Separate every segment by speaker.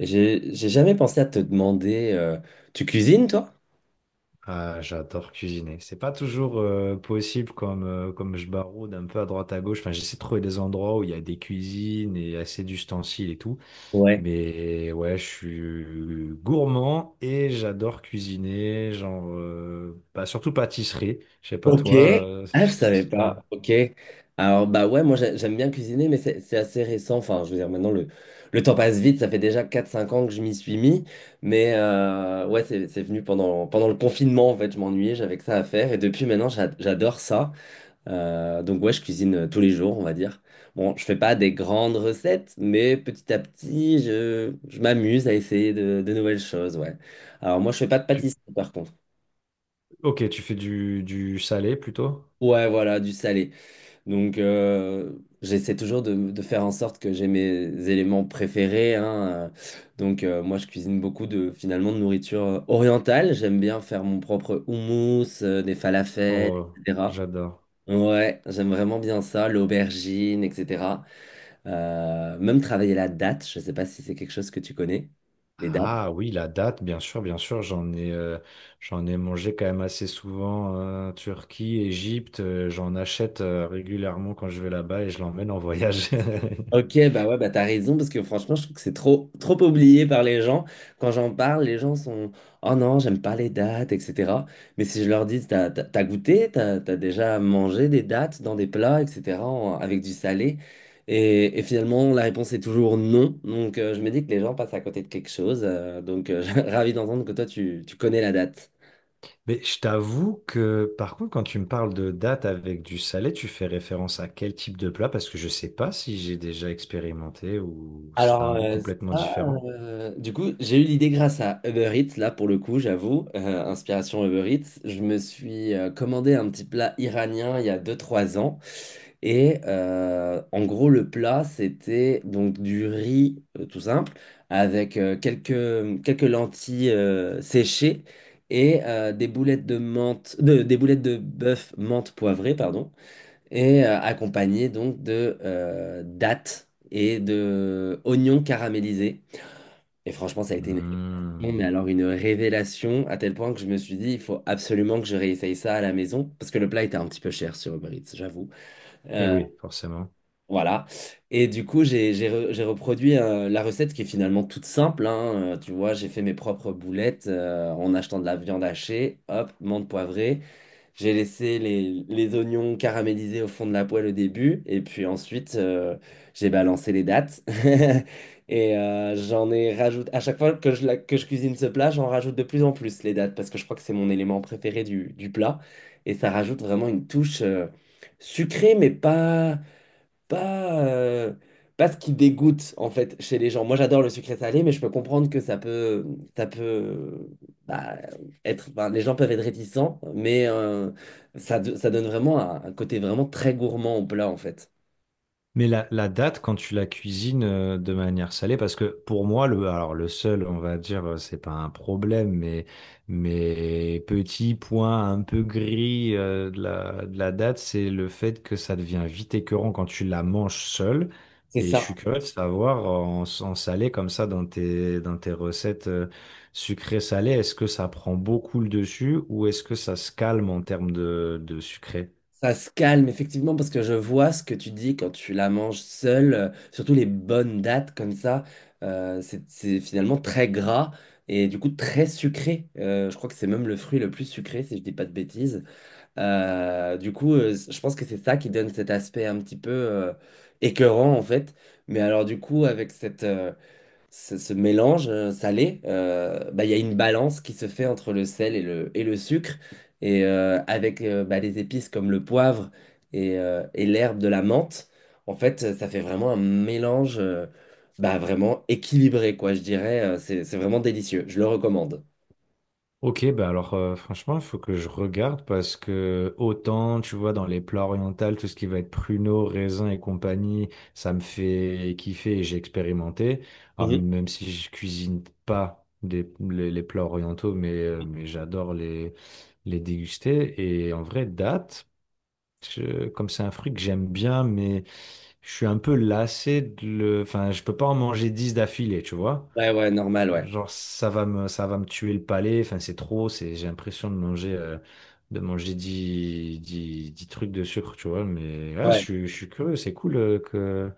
Speaker 1: J'ai jamais pensé à te demander, tu cuisines toi?
Speaker 2: Ah, j'adore cuisiner. C'est pas toujours possible comme, comme je baroude un peu à droite à gauche. Enfin, j'essaie de trouver des endroits où il y a des cuisines et assez d'ustensiles et tout.
Speaker 1: Ouais.
Speaker 2: Mais ouais, je suis gourmand et j'adore cuisiner. Genre, bah, surtout pâtisserie. Je sais pas,
Speaker 1: Ok.
Speaker 2: toi.
Speaker 1: Ah, je savais
Speaker 2: C'est un...
Speaker 1: pas. Ok. Alors bah ouais, moi j'aime bien cuisiner, mais c'est assez récent. Enfin, je veux dire, maintenant le temps passe vite. Ça fait déjà quatre cinq ans que je m'y suis mis. Mais ouais, c'est venu pendant le confinement, en fait. Je m'ennuyais, j'avais que ça à faire. Et depuis maintenant, j'adore ça. Donc ouais, je cuisine tous les jours, on va dire. Bon, je fais pas des grandes recettes, mais petit à petit, je m'amuse à essayer de nouvelles choses, ouais. Alors moi, je fais pas de
Speaker 2: tu-
Speaker 1: pâtisserie, par contre.
Speaker 2: Ok, tu fais du salé plutôt?
Speaker 1: Ouais, voilà, du salé. Donc, j'essaie toujours de faire en sorte que j'ai mes éléments préférés, hein. Donc, moi, je cuisine beaucoup de, finalement, de nourriture orientale. J'aime bien faire mon propre houmous, des falafels,
Speaker 2: Oh,
Speaker 1: etc.
Speaker 2: j'adore.
Speaker 1: Ouais, j'aime vraiment bien ça, l'aubergine, etc. Même travailler la date, je ne sais pas si c'est quelque chose que tu connais, les dates.
Speaker 2: Ah oui, la date, bien sûr, j'en ai mangé quand même assez souvent, Turquie, Égypte, j'en achète régulièrement quand je vais là-bas et je l'emmène en voyage.
Speaker 1: Ok, bah ouais, bah t'as raison, parce que franchement, je trouve que c'est trop, trop oublié par les gens. Quand j'en parle, les gens sont, oh non, j'aime pas les dates, etc. Mais si je leur dis, t'as goûté, t'as déjà mangé des dates dans des plats, etc., avec du salé. Et finalement, la réponse est toujours non. Donc, je me dis que les gens passent à côté de quelque chose. Donc, ravi d'entendre que toi, tu connais la date.
Speaker 2: Mais je t'avoue que, par contre, quand tu me parles de date avec du salé, tu fais référence à quel type de plat? Parce que je sais pas si j'ai déjà expérimenté ou ça a
Speaker 1: Alors,
Speaker 2: un goût complètement
Speaker 1: ça,
Speaker 2: différent.
Speaker 1: du coup, j'ai eu l'idée grâce à Uber Eats, là, pour le coup, j'avoue, inspiration Uber Eats. Je me suis commandé un petit plat iranien il y a deux trois ans. Et en gros, le plat, c'était donc du riz tout simple, avec quelques lentilles séchées et des boulettes de menthe, des boulettes de bœuf menthe poivrée, pardon, et accompagné donc de dattes et de oignons caramélisés. Et franchement, ça a été une révélation, mais alors une révélation à tel point que je me suis dit, il faut absolument que je réessaye ça à la maison, parce que le plat était un petit peu cher sur Uber Eats, j'avoue.
Speaker 2: Et oui, forcément.
Speaker 1: Voilà. Et du coup, j'ai reproduit la recette qui est finalement toute simple, hein. Tu vois, j'ai fait mes propres boulettes en achetant de la viande hachée, hop, menthe poivrée. J'ai laissé les oignons caramélisés au fond de la poêle au début, et puis ensuite, j'ai balancé les dattes. Et j'en ai rajouté. À chaque fois que je cuisine ce plat, j'en rajoute de plus en plus les dattes, parce que je crois que c'est mon élément préféré du plat. Et ça rajoute vraiment une touche sucrée, mais pas, euh, pas ce qui dégoûte en fait chez les gens. Moi j'adore le sucré salé, mais je peux comprendre que ça peut, bah, être. Enfin, les gens peuvent être réticents, mais ça donne vraiment un côté vraiment très gourmand au plat en fait.
Speaker 2: Mais la date, quand tu la cuisines de manière salée, parce que pour moi, le seul, on va dire, c'est pas un problème, mais petit point un peu gris de la date, c'est le fait que ça devient vite écœurant quand tu la manges seule.
Speaker 1: C'est
Speaker 2: Et je
Speaker 1: ça.
Speaker 2: suis curieux de savoir, en salé comme ça, dans tes recettes sucrées-salées, est-ce que ça prend beaucoup le dessus ou est-ce que ça se calme en termes de sucré?
Speaker 1: Ça se calme effectivement parce que je vois ce que tu dis quand tu la manges seule, surtout les bonnes dates comme ça. C'est finalement très gras et du coup très sucré. Je crois que c'est même le fruit le plus sucré si je dis pas de bêtises. Du coup, je pense que c'est ça qui donne cet aspect un petit peu écœurant en fait. Mais alors du coup, avec ce mélange salé, bah, il y a une balance qui se fait entre le sel et le sucre. Et avec bah, des épices comme le poivre et l'herbe de la menthe, en fait, ça fait vraiment un mélange bah, vraiment équilibré, quoi, je dirais. C'est vraiment délicieux. Je le recommande.
Speaker 2: Ok, bah alors franchement, il faut que je regarde parce que autant, tu vois, dans les plats orientaux, tout ce qui va être pruneaux, raisins et compagnie, ça me fait kiffer et j'ai expérimenté. Alors,
Speaker 1: Mhm.
Speaker 2: même si je cuisine pas les plats orientaux, mais j'adore les déguster. Et en vrai, date, comme c'est un fruit que j'aime bien, mais je suis un peu lassé. Enfin, je peux pas en manger 10 d'affilée, tu vois.
Speaker 1: Ouais, ouais, normal, ouais.
Speaker 2: Genre, ça va me tuer le palais. Enfin, c'est trop. J'ai l'impression de manger 10 10 10 trucs de sucre, tu vois. Mais là, je,
Speaker 1: Ouais.
Speaker 2: suis- je suis curieux. C'est cool que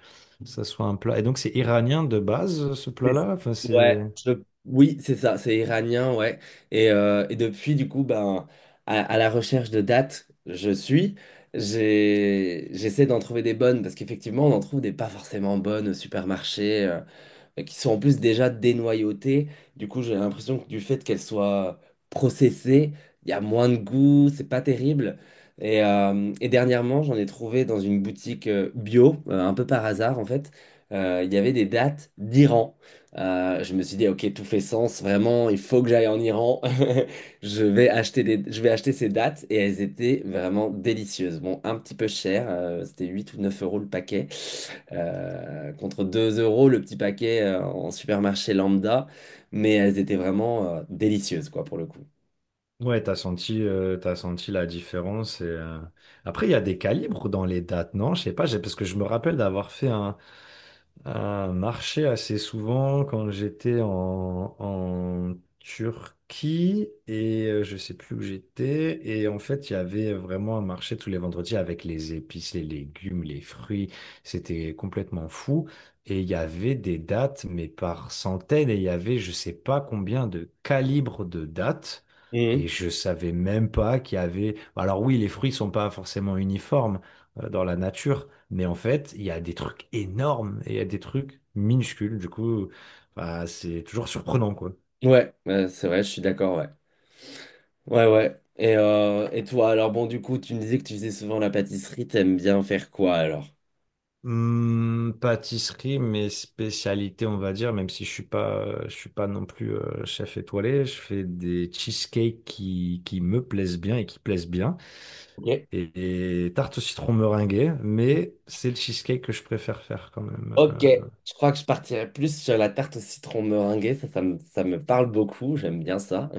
Speaker 2: ça soit un plat. Et donc, c'est iranien de base, ce
Speaker 1: C'est-
Speaker 2: plat-là. Enfin,
Speaker 1: Ouais,
Speaker 2: c'est.
Speaker 1: oui, c'est ça, c'est iranien, ouais. Et depuis, du coup, ben, à la recherche de dates, je suis. J'essaie d'en trouver des bonnes parce qu'effectivement, on en trouve des pas forcément bonnes au supermarché, qui sont en plus déjà dénoyautées. Du coup, j'ai l'impression que du fait qu'elles soient processées, il y a moins de goût, c'est pas terrible. Et dernièrement, j'en ai trouvé dans une boutique bio, un peu par hasard en fait. Il y avait des dates d'Iran. Je me suis dit, ok, tout fait sens, vraiment, il faut que j'aille en Iran. Je vais acheter ces dates et elles étaient vraiment délicieuses. Bon, un petit peu cher, c'était 8 ou 9 euros le paquet, contre 2 euros le petit paquet en supermarché lambda, mais elles étaient vraiment délicieuses, quoi, pour le coup.
Speaker 2: Ouais, t'as senti la différence. Et, après, il y a des calibres dans les dates, non? Je sais pas, parce que je me rappelle d'avoir fait un marché assez souvent quand j'étais en Turquie et je sais plus où j'étais. Et en fait, il y avait vraiment un marché tous les vendredis avec les épices, les légumes, les fruits. C'était complètement fou. Et il y avait des dates, mais par centaines, et il y avait je sais pas combien de calibres de dates. Et
Speaker 1: Mhm.
Speaker 2: je savais même pas qu'il y avait. Bah, alors oui, les fruits sont pas forcément uniformes dans la nature, mais en fait, il y a des trucs énormes et il y a des trucs minuscules. Du coup, bah, c'est toujours surprenant, quoi.
Speaker 1: Ouais, c'est vrai, je suis d'accord, ouais. Ouais, ouais. Et toi, alors bon, du coup, tu me disais que tu faisais souvent la pâtisserie, t'aimes bien faire quoi alors?
Speaker 2: Pâtisserie, mes spécialités, on va dire, même si je suis pas non plus chef étoilé, je fais des cheesecakes qui me plaisent bien et qui plaisent bien,
Speaker 1: Ok.
Speaker 2: et tarte au citron meringuée, mais c'est le cheesecake que je préfère faire quand même.
Speaker 1: Ok, je crois que je partirais plus sur la tarte au citron meringuée, ça me parle beaucoup, j'aime bien ça.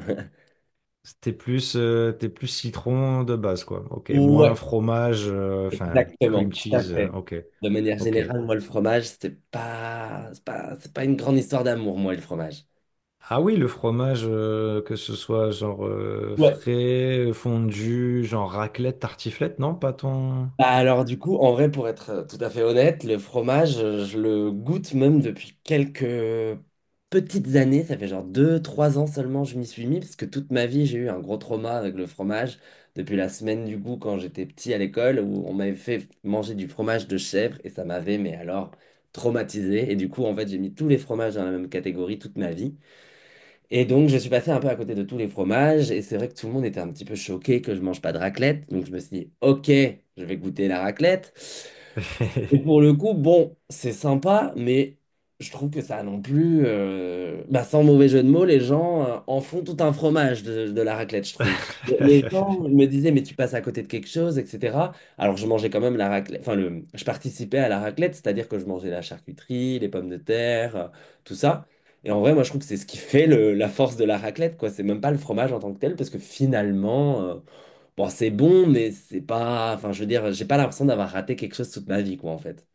Speaker 2: T'es plus citron de base, quoi. Ok. Moins
Speaker 1: Ouais,
Speaker 2: fromage, enfin,
Speaker 1: exactement,
Speaker 2: cream
Speaker 1: tout à
Speaker 2: cheese.
Speaker 1: fait.
Speaker 2: Ok.
Speaker 1: De manière
Speaker 2: Ok.
Speaker 1: générale, moi, le fromage, c'est pas une grande histoire d'amour, moi, le fromage.
Speaker 2: Ah oui, le fromage, que ce soit genre
Speaker 1: Ouais,
Speaker 2: frais, fondu, genre raclette, tartiflette, non, pas ton.
Speaker 1: bah alors du coup, en vrai, pour être tout à fait honnête, le fromage, je le goûte même depuis quelques petites années. Ça fait genre deux, trois ans seulement je m'y suis mis, parce que toute ma vie, j'ai eu un gros trauma avec le fromage. Depuis la semaine du goût, quand j'étais petit à l'école, où on m'avait fait manger du fromage de chèvre, et ça m'avait, mais alors, traumatisé. Et du coup, en fait, j'ai mis tous les fromages dans la même catégorie toute ma vie. Et donc, je suis passé un peu à côté de tous les fromages. Et c'est vrai que tout le monde était un petit peu choqué que je mange pas de raclette. Donc, je me suis dit, OK, je vais goûter la raclette. Et pour le coup, bon, c'est sympa, mais je trouve que ça non plus, bah, sans mauvais jeu de mots, les gens en font tout un fromage de la raclette, je trouve. Les gens me disaient, mais tu passes à côté de quelque chose, etc. Alors je mangeais quand même la raclette, enfin, je participais à la raclette, c'est-à-dire que je mangeais la charcuterie, les pommes de terre, tout ça. Et en vrai, moi, je trouve que c'est ce qui fait la force de la raclette, quoi. C'est même pas le fromage en tant que tel, parce que finalement, bon, c'est bon, mais c'est pas, enfin, je veux dire, j'ai pas l'impression d'avoir raté quelque chose toute ma vie, quoi, en fait.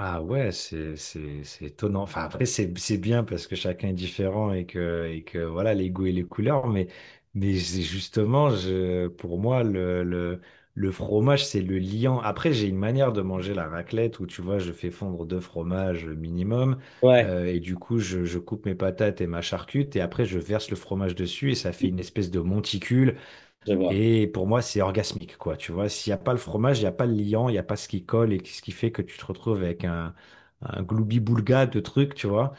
Speaker 2: Ah ouais, c'est étonnant. Enfin après c'est bien parce que chacun est différent et que voilà les goûts et les couleurs. Mais c'est justement je pour moi le fromage c'est le liant. Après j'ai une manière de manger la raclette où tu vois je fais fondre deux fromages minimum
Speaker 1: Ouais,
Speaker 2: et du coup je coupe mes patates et ma charcute et après je verse le fromage dessus et ça fait une espèce de monticule.
Speaker 1: je vois.
Speaker 2: Et pour moi, c'est orgasmique, quoi. Tu vois, s'il n'y a pas le fromage, il n'y a pas le liant, il n'y a pas ce qui colle et ce qui fait que tu te retrouves avec un gloubi-boulga de trucs, tu vois.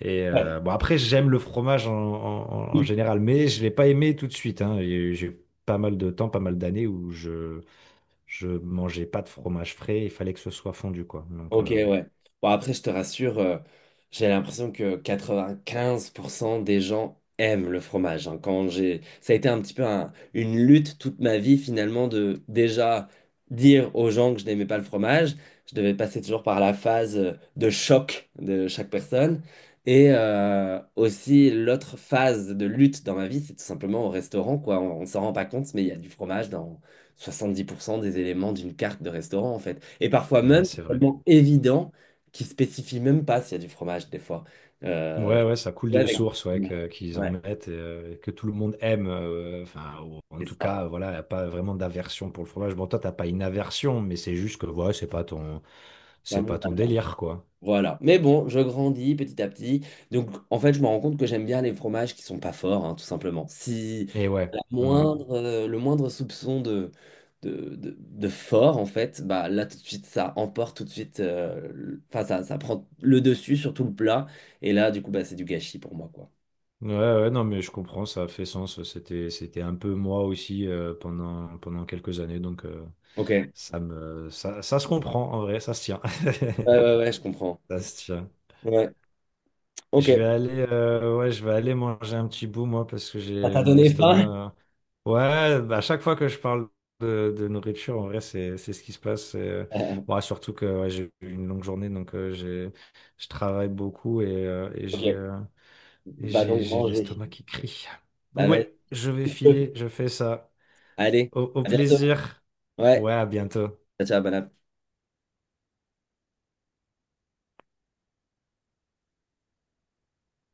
Speaker 2: Et
Speaker 1: Ouais.
Speaker 2: bon, après, j'aime le fromage en général, mais je ne l'ai pas aimé tout de suite. Hein. Et j'ai eu pas mal de temps, pas mal d'années où je mangeais pas de fromage frais, il fallait que ce soit fondu, quoi. Donc,
Speaker 1: Ok, ouais. Bon, après, je te rassure, j'ai l'impression que 95% des gens aiment le fromage. Hein. Ça a été un petit peu une lutte toute ma vie, finalement, de déjà dire aux gens que je n'aimais pas le fromage. Je devais passer toujours par la phase de choc de chaque personne. Et, aussi, l'autre phase de lutte dans ma vie, c'est tout simplement au restaurant, quoi. On s'en rend pas compte, mais il y a du fromage dans 70% des éléments d'une carte de restaurant, en fait. Et parfois même,
Speaker 2: ouais, c'est
Speaker 1: c'est
Speaker 2: vrai.
Speaker 1: tellement évident qu'ils spécifient même pas s'il y a du fromage, des fois. Euh,
Speaker 2: Ouais, ouais, ça coule
Speaker 1: ouais,
Speaker 2: de source, ouais, qu'ils en
Speaker 1: ouais,
Speaker 2: mettent, et, que tout le monde aime. Enfin, en
Speaker 1: c'est
Speaker 2: tout
Speaker 1: ça.
Speaker 2: cas, voilà, y a pas vraiment d'aversion pour le fromage. Bon, toi, t'as pas une aversion, mais c'est juste que, ouais, c'est pas ton, c'est pas
Speaker 1: Vraiment.
Speaker 2: ton délire, quoi.
Speaker 1: Voilà. Mais bon, je grandis petit à petit. Donc, en fait, je me rends compte que j'aime bien les fromages qui sont pas forts, hein, tout simplement. Si
Speaker 2: Et ouais.
Speaker 1: la
Speaker 2: Hmm.
Speaker 1: moindre, euh, le moindre soupçon de fort, en fait, bah là, tout de suite, ça emporte tout de suite. Enfin, ça prend le dessus sur tout le plat. Et là, du coup, bah, c'est du gâchis pour moi, quoi.
Speaker 2: Ouais, ouais, non, mais je comprends, ça fait sens. C'était un peu moi aussi pendant quelques années, donc
Speaker 1: Ok. Ouais,
Speaker 2: ça se comprend en vrai, ça se tient.
Speaker 1: ouais, ouais, je comprends.
Speaker 2: Ça se tient.
Speaker 1: Ouais.
Speaker 2: Je
Speaker 1: Ok.
Speaker 2: vais aller, euh, ouais, je vais aller manger un petit bout, moi, parce que
Speaker 1: Ça
Speaker 2: j'ai
Speaker 1: t'a
Speaker 2: mon
Speaker 1: donné faim?
Speaker 2: estomac. euh, Ouais, bah, à chaque fois que je parle de nourriture, en vrai, c'est ce qui se passe.
Speaker 1: Euh,
Speaker 2: Bon, surtout que ouais, j'ai eu une longue journée, donc je travaille beaucoup et j'ai,
Speaker 1: ok.
Speaker 2: euh, et
Speaker 1: Va
Speaker 2: j'ai,
Speaker 1: donc
Speaker 2: j'ai
Speaker 1: manger.
Speaker 2: l'estomac qui crie.
Speaker 1: Bah, vas-y.
Speaker 2: Ouais, je vais filer, je fais ça.
Speaker 1: Allez,
Speaker 2: Au
Speaker 1: à bientôt.
Speaker 2: plaisir.
Speaker 1: Ouais.
Speaker 2: Ouais, à bientôt.
Speaker 1: Ciao, ciao, bon appétit.